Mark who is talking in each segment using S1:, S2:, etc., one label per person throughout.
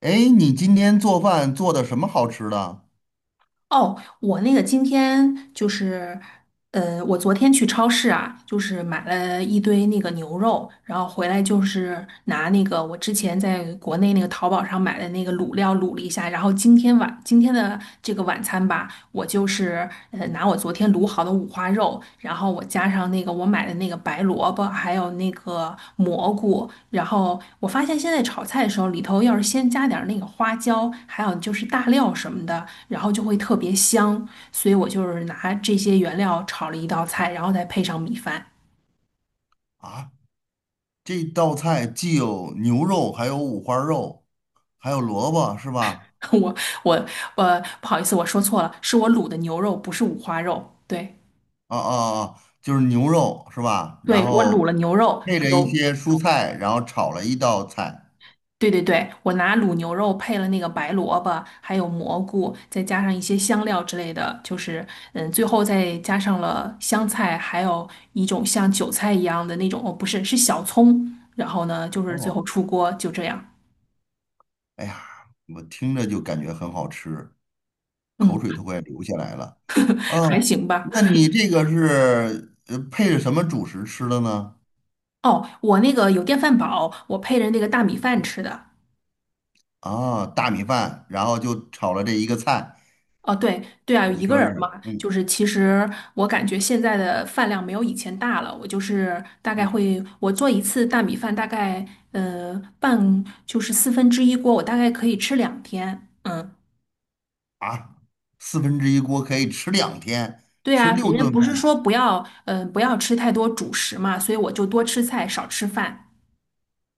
S1: 哎，你今天做饭做的什么好吃的
S2: 哦，我那个今天就是，我昨天去超市啊，就是买了一堆那个牛肉，然后回来就是拿那个我之前在国内那个淘宝上买的那个卤料卤了一下，然后今天的这个晚餐吧，我就是拿我昨天卤好的五花肉，然后我加上那个我买的那个白萝卜，还有那个蘑菇，然后我发现现在炒菜的时候里头要是先加点儿那个花椒，还有就是大料什么的，然后就会特别香，所以我就是拿这些原料炒了一道菜，然后再配上米饭。
S1: 啊？这道菜既有牛肉，还有五花肉，还有萝卜，是吧？
S2: 我我不好意思，我说错了，是我卤的牛肉，不是五花肉。对
S1: 啊啊啊，就是牛肉是吧？然
S2: 对，我卤
S1: 后
S2: 了牛肉，
S1: 配着一
S2: 有
S1: 些蔬菜，然后炒了一道菜。
S2: 对对对，我拿卤牛肉配了那个白萝卜，还有蘑菇，再加上一些香料之类的，就是嗯，最后再加上了香菜，还有一种像韭菜一样的那种，哦，不是，是小葱。然后呢，就是最后
S1: 哦，
S2: 出锅就这样，
S1: 哎呀，我听着就感觉很好吃，口
S2: 嗯，
S1: 水都快流下来了。
S2: 还
S1: 哦，
S2: 行吧。
S1: 那你这个是配着什么主食吃的呢？
S2: 哦，我那个有电饭煲，我配着那个大米饭吃的。
S1: 啊，大米饭，然后就炒了这一个菜，
S2: 哦，对对啊，有
S1: 等于
S2: 一个
S1: 说
S2: 人儿嘛，
S1: 是，
S2: 就
S1: 嗯
S2: 是其实我感觉现在的饭量没有以前大了。我就是大概
S1: 嗯。
S2: 会，我做一次大米饭，大概就是四分之一锅，我大概可以吃2天。嗯，
S1: 啊，四分之一锅可以吃2天，
S2: 对
S1: 吃
S2: 啊，
S1: 六
S2: 人家
S1: 顿
S2: 不是
S1: 饭。
S2: 说不要不要吃太多主食嘛，所以我就多吃菜少吃饭，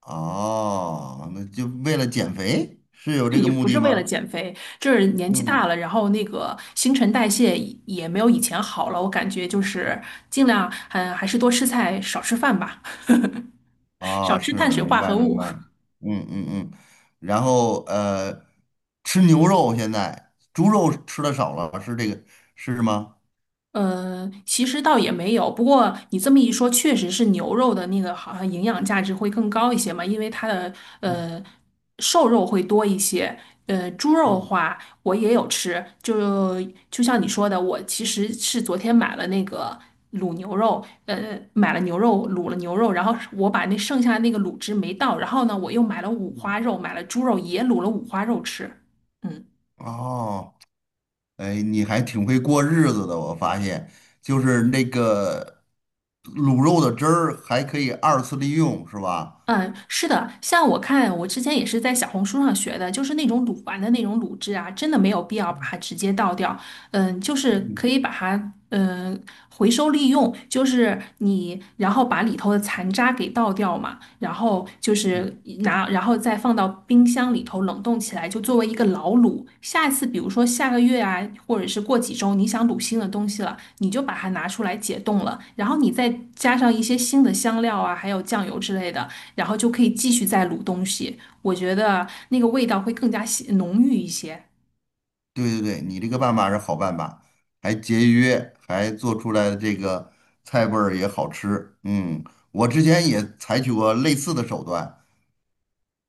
S1: 哦，那就为了减肥，是有 这个
S2: 也
S1: 目
S2: 不
S1: 的
S2: 是
S1: 吗？
S2: 为了减肥，就是年纪大
S1: 嗯，
S2: 了，然后那个新陈代谢也没有以前好了。我感觉就是尽量还是多吃菜少吃饭吧。少
S1: 哦，
S2: 吃碳
S1: 是，
S2: 水
S1: 明
S2: 化
S1: 白
S2: 合
S1: 明
S2: 物。
S1: 白。嗯嗯嗯，然后吃牛肉现在猪肉吃的少了，是这个是吗？
S2: 其实倒也没有，不过你这么一说，确实是牛肉的那个好像营养价值会更高一些嘛，因为它的
S1: 嗯
S2: 呃瘦肉会多一些。猪肉的
S1: 嗯
S2: 话我也有吃，就像你说的，我其实是昨天买了那个卤牛肉，买了牛肉卤了牛肉，然后我把那剩下那个卤汁没倒，然后呢，我又买了五
S1: 嗯。
S2: 花肉，买了猪肉也卤了五花肉吃，嗯。
S1: 哦，哎，你还挺会过日子的，我发现，就是那个卤肉的汁儿还可以二次利用，是吧？
S2: 嗯，是的，像我看，我之前也是在小红书上学的，就是那种卤完的那种卤汁啊，真的没有必要把
S1: 嗯
S2: 它直接倒掉，嗯，就是可
S1: 嗯
S2: 以把它回收利用，就是你然后把里头的残渣给倒掉嘛，然后就是
S1: 嗯，
S2: 拿，然后再放到冰箱里头冷冻起来，就作为一个老卤。下次比如说下个月啊，或者是过几周，你想卤新的东西了，你就把它拿出来解冻了，然后你再加上一些新的香料啊，还有酱油之类的，然后就可以继续再卤东西。我觉得那个味道会更加鲜浓郁一些。
S1: 对对对，你这个办法是好办法，还节约，还做出来的这个菜味儿也好吃。嗯，我之前也采取过类似的手段，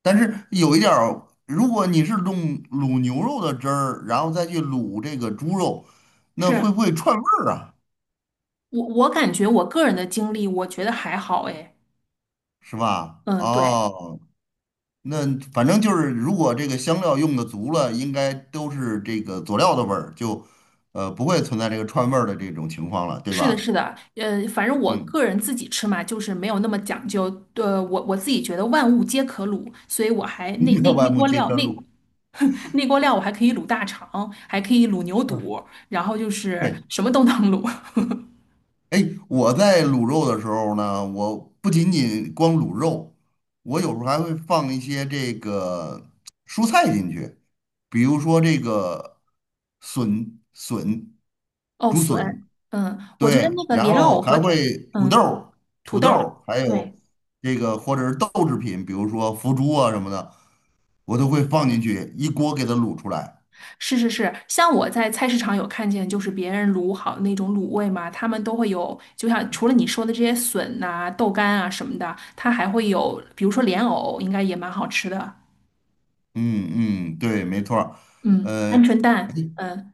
S1: 但是有一点儿，如果你是弄卤牛肉的汁儿，然后再去卤这个猪肉，那会
S2: 是。
S1: 不会串味儿啊？
S2: 我感觉我个人的经历，我觉得还好诶。
S1: 是吧？
S2: 嗯，对，
S1: 哦，那反正就是，如果这个香料用的足了，应该都是这个佐料的味儿，就不会存在这个串味儿的这种情况了，对
S2: 是的，是
S1: 吧？
S2: 的，反正我个
S1: 嗯。
S2: 人自己吃嘛，就是没有那么讲究。我自己觉得万物皆可卤，所以我还 那
S1: 你
S2: 那
S1: 要把
S2: 那
S1: 木
S2: 锅
S1: 街
S2: 料
S1: 圈卤。
S2: 那锅料我还可以卤大肠，还可以卤牛
S1: 嗯
S2: 肚，然后就是
S1: 对，
S2: 什么都能卤。
S1: 哎，我在卤肉的时候呢，我不仅仅光卤肉，我有时候还会放一些这个蔬菜进去，比如说这个笋、笋、
S2: 哦，
S1: 竹笋，啊
S2: 笋，嗯，我觉得
S1: 对，
S2: 那个
S1: 然
S2: 莲藕
S1: 后还
S2: 和
S1: 会土豆
S2: 嗯
S1: 儿土
S2: 土豆
S1: 豆
S2: 儿，
S1: 儿还有
S2: 对。
S1: 这个或者是豆制品，比如说腐竹啊什么的，我都会放进去，一锅给它卤出来。
S2: 是是是，像我在菜市场有看见，就是别人卤好的那种卤味嘛，他们都会有，就像除了你说的这些笋呐、豆干啊什么的，它还会有，比如说莲藕，应该也蛮好吃的。
S1: 嗯嗯，对，没错儿。
S2: 嗯，鹌
S1: 呃
S2: 鹑蛋，嗯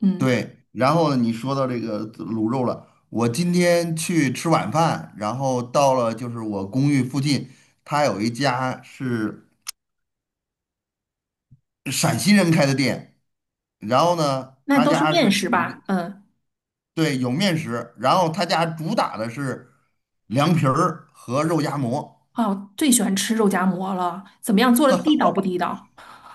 S2: 嗯，
S1: 对，然后你说到这个卤肉了，我今天去吃晚饭，然后到了就是我公寓附近，他有一家是陕西人开的店，然后呢，
S2: 那
S1: 他
S2: 都是
S1: 家是
S2: 面食
S1: 有一个
S2: 吧？嗯，
S1: 对有面食，然后他家主打的是凉皮儿和肉夹馍。
S2: 哦，我最喜欢吃肉夹馍了，怎么样做的地道不地道？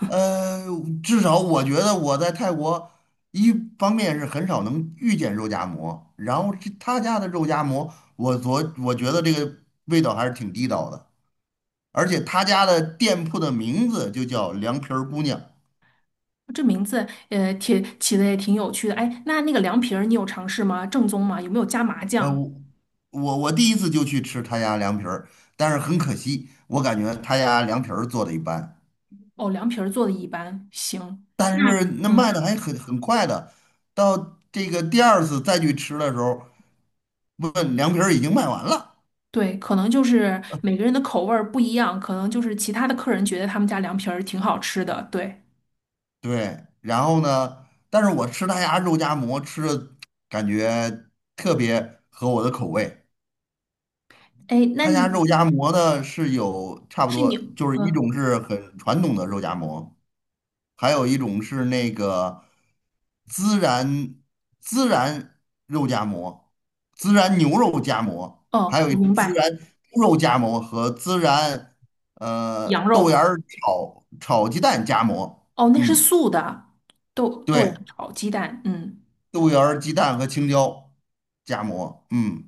S1: 呃，至少我觉得我在泰国，一方面是很少能遇见肉夹馍，然后这他家的肉夹馍，我觉得这个味道还是挺地道的，而且他家的店铺的名字就叫凉皮儿姑娘。
S2: 这名字，挺起的也挺有趣的。哎，那那个凉皮儿你有尝试吗？正宗吗？有没有加麻
S1: 呃，
S2: 酱？
S1: 我第一次就去吃他家凉皮儿，但是很可惜，我感觉他家凉皮儿做的一般，
S2: 哦，凉皮儿做的一般，行。
S1: 但
S2: 那
S1: 是那卖的
S2: 嗯。
S1: 还很快的，到这个第二次再去吃的时候，问凉皮儿已经卖完了。
S2: 对，可能就是每个人的口味儿不一样，可能就是其他的客人觉得他们家凉皮儿挺好吃的。对，
S1: 对，然后呢，但是我吃他家肉夹馍吃的感觉特别合我的口味。
S2: 哎，那
S1: 他家肉
S2: 你
S1: 夹馍呢是有差不
S2: 是
S1: 多，
S2: 你，
S1: 就是一
S2: 嗯，
S1: 种是很传统的肉夹馍，还有一种是那个孜然孜然肉夹馍、孜然牛肉夹馍，还
S2: 哦，
S1: 有
S2: 我明
S1: 孜
S2: 白，
S1: 然猪肉夹馍和孜然
S2: 羊
S1: 豆芽
S2: 肉，
S1: 儿炒炒鸡蛋夹馍。
S2: 哦，那是
S1: 嗯，
S2: 素的，豆芽
S1: 对。
S2: 炒鸡蛋，嗯，
S1: 豆芽儿、鸡蛋和青椒夹馍。嗯，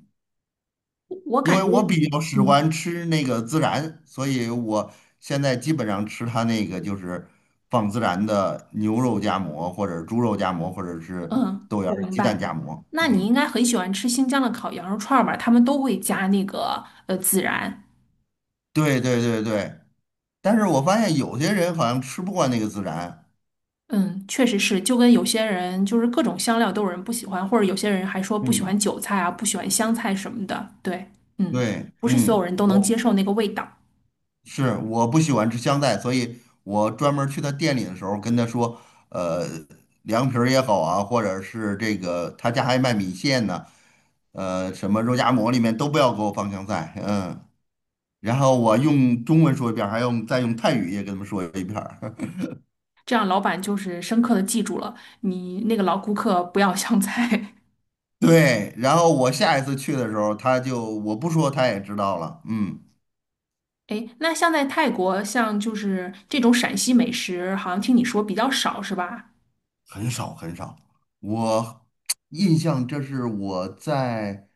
S2: 我
S1: 因
S2: 感
S1: 为
S2: 觉，
S1: 我比较喜
S2: 嗯
S1: 欢吃那个孜然，所以我现在基本上吃它那个就是放孜然的牛肉夹馍，或者猪肉夹馍，或者是
S2: 嗯，
S1: 豆芽
S2: 我
S1: 儿、
S2: 明
S1: 鸡蛋
S2: 白。
S1: 夹馍。
S2: 那你应
S1: 嗯，
S2: 该很喜欢吃新疆的烤羊肉串儿吧？他们都会加那个孜然。
S1: 对对对对。但是我发现有些人好像吃不惯那个孜然。
S2: 嗯，确实是，就跟有些人就是各种香料都有人不喜欢，或者有些人还说不喜欢
S1: 嗯，
S2: 韭菜啊，不喜欢香菜什么的。对，嗯，
S1: 对，
S2: 不是所有
S1: 嗯，
S2: 人都能
S1: 我。
S2: 接受那个味道。
S1: 是我不喜欢吃香菜，所以我专门儿去他店里的时候跟他说，呃，凉皮儿也好啊，或者是这个他家还卖米线呢，呃，什么肉夹馍里面都不要给我放香菜，嗯，然后我用中文说一遍儿还用再用泰语也跟他们说一遍儿
S2: 这样老板就是深刻的记住了你那个老顾客不要香菜。
S1: 对，然后我下一次去的时候，他就我不说他也知道了，嗯。
S2: 哎，那像在泰国，像就是这种陕西美食，好像听你说比较少是吧？
S1: 很少很少。我印象这是我在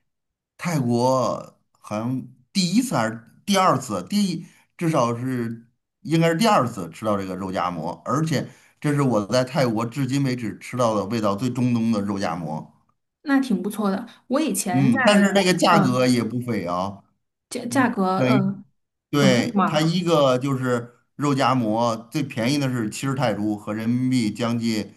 S1: 泰国好像第一次还是第二次，第一至少是应该是第二次吃到这个肉夹馍，而且这是我在泰国至今为止吃到的味道最正宗的肉夹馍。
S2: 那挺不错的。我以前
S1: 嗯，
S2: 在
S1: 但是那个
S2: 国，
S1: 价格
S2: 嗯，
S1: 也不菲啊，
S2: 价价
S1: 嗯，
S2: 格，
S1: 等于。
S2: 嗯，很贵
S1: 对，它
S2: 吗？
S1: 一个就是肉夹馍，最便宜的是70泰铢，合人民币将近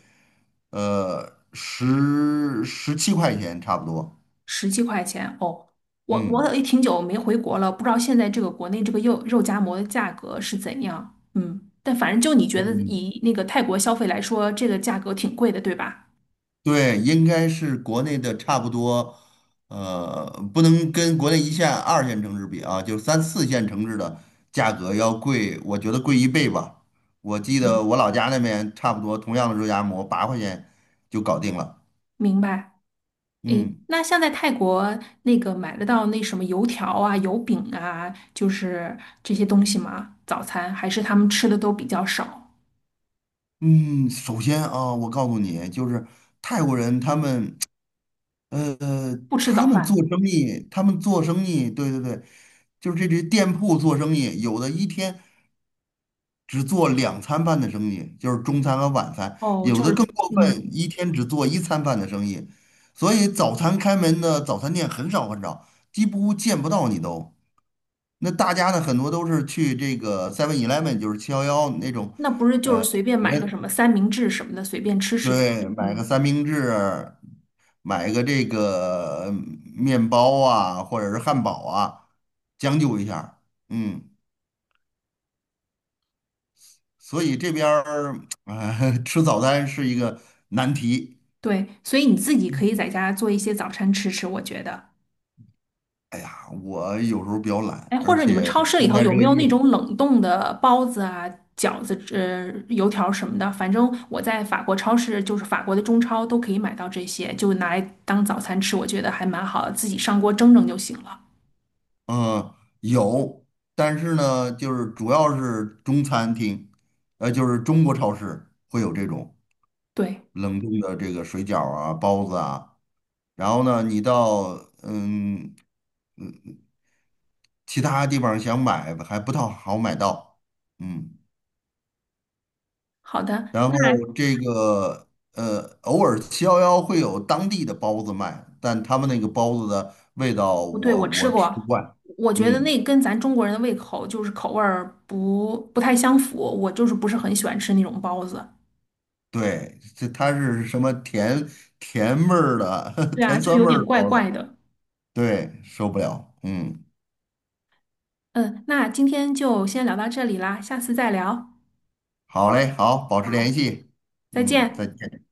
S1: 十七块钱差不多。
S2: 17块钱哦，我
S1: 嗯
S2: 我也挺久没回国了，不知道现在这个国内这个肉夹馍的价格是怎样。嗯，但反正就你觉得
S1: 嗯，
S2: 以那个泰国消费来说，这个价格挺贵的，对吧？
S1: 对，应该是国内的差不多，呃，不能跟国内一线、二线城市比啊，就是三四线城市的价格要贵，我觉得贵一倍吧。我记得
S2: 嗯，
S1: 我老家那边差不多同样的肉夹馍8块钱就搞定了。
S2: 明白。诶，
S1: 嗯。
S2: 那像在泰国那个买得到那什么油条啊、油饼啊，就是这些东西吗？早餐还是他们吃的都比较少，
S1: 嗯，首先啊，我告诉你，就是泰国人他们，呃，
S2: 不吃早
S1: 他们做
S2: 饭。
S1: 生意，他们做生意，对对对，就是这些店铺做生意，有的一天只做2餐饭的生意，就是中餐和晚餐，
S2: 哦，
S1: 有
S2: 就
S1: 的
S2: 是
S1: 更过分，
S2: 嗯，
S1: 一天只做一餐饭的生意，所以早餐开门的早餐店很少很少，几乎见不到你都。那大家呢，很多都是去这个 7-Eleven，就是七幺幺那种。
S2: 那不是就是随便买个什么三明治什么的，随便吃吃的。
S1: 对，买个
S2: 嗯。
S1: 三明治，买个这个嗯面包啊，或者是汉堡啊，将就一下儿嗯，所以这边儿啊，吃早餐是一个难题。
S2: 对，所以你自己可以在家做一些早餐吃吃，我觉得。
S1: 哎呀，我有时候比较
S2: 哎，
S1: 懒，
S2: 或
S1: 而
S2: 者你们
S1: 且
S2: 超市里
S1: 现
S2: 头
S1: 在
S2: 有
S1: 这
S2: 没
S1: 个
S2: 有那
S1: 夜，
S2: 种冷冻的包子啊、饺子、油条什么的？反正我在法国超市，就是法国的中超都可以买到这些，就拿来当早餐吃，我觉得还蛮好的，自己上锅蒸蒸就行了。
S1: 嗯，有，但是呢，就是主要是中餐厅，呃，就是中国超市会有这种
S2: 对，
S1: 冷冻的这个水饺啊、包子啊。然后呢，你到嗯其他地方想买还不太好买到，嗯，
S2: 好的，
S1: 然
S2: 那
S1: 后这个偶尔七幺幺会有当地的包子卖，但他们那个包子的味道
S2: 不对，
S1: 我
S2: 我吃
S1: 我吃不
S2: 过，
S1: 惯，
S2: 我觉得
S1: 嗯，
S2: 那跟咱中国人的胃口就是口味儿不太相符，我就是不是很喜欢吃那种包子。
S1: 对，这它是什么甜甜味儿的
S2: 对啊，
S1: 甜
S2: 就
S1: 酸
S2: 有
S1: 味
S2: 点
S1: 儿的
S2: 怪
S1: 包子，
S2: 怪的。
S1: 对，受不了，嗯，
S2: 嗯，那今天就先聊到这里啦，下次再聊。
S1: 好嘞，好，保持联
S2: 好，
S1: 系，
S2: 再
S1: 嗯，再
S2: 见。
S1: 见。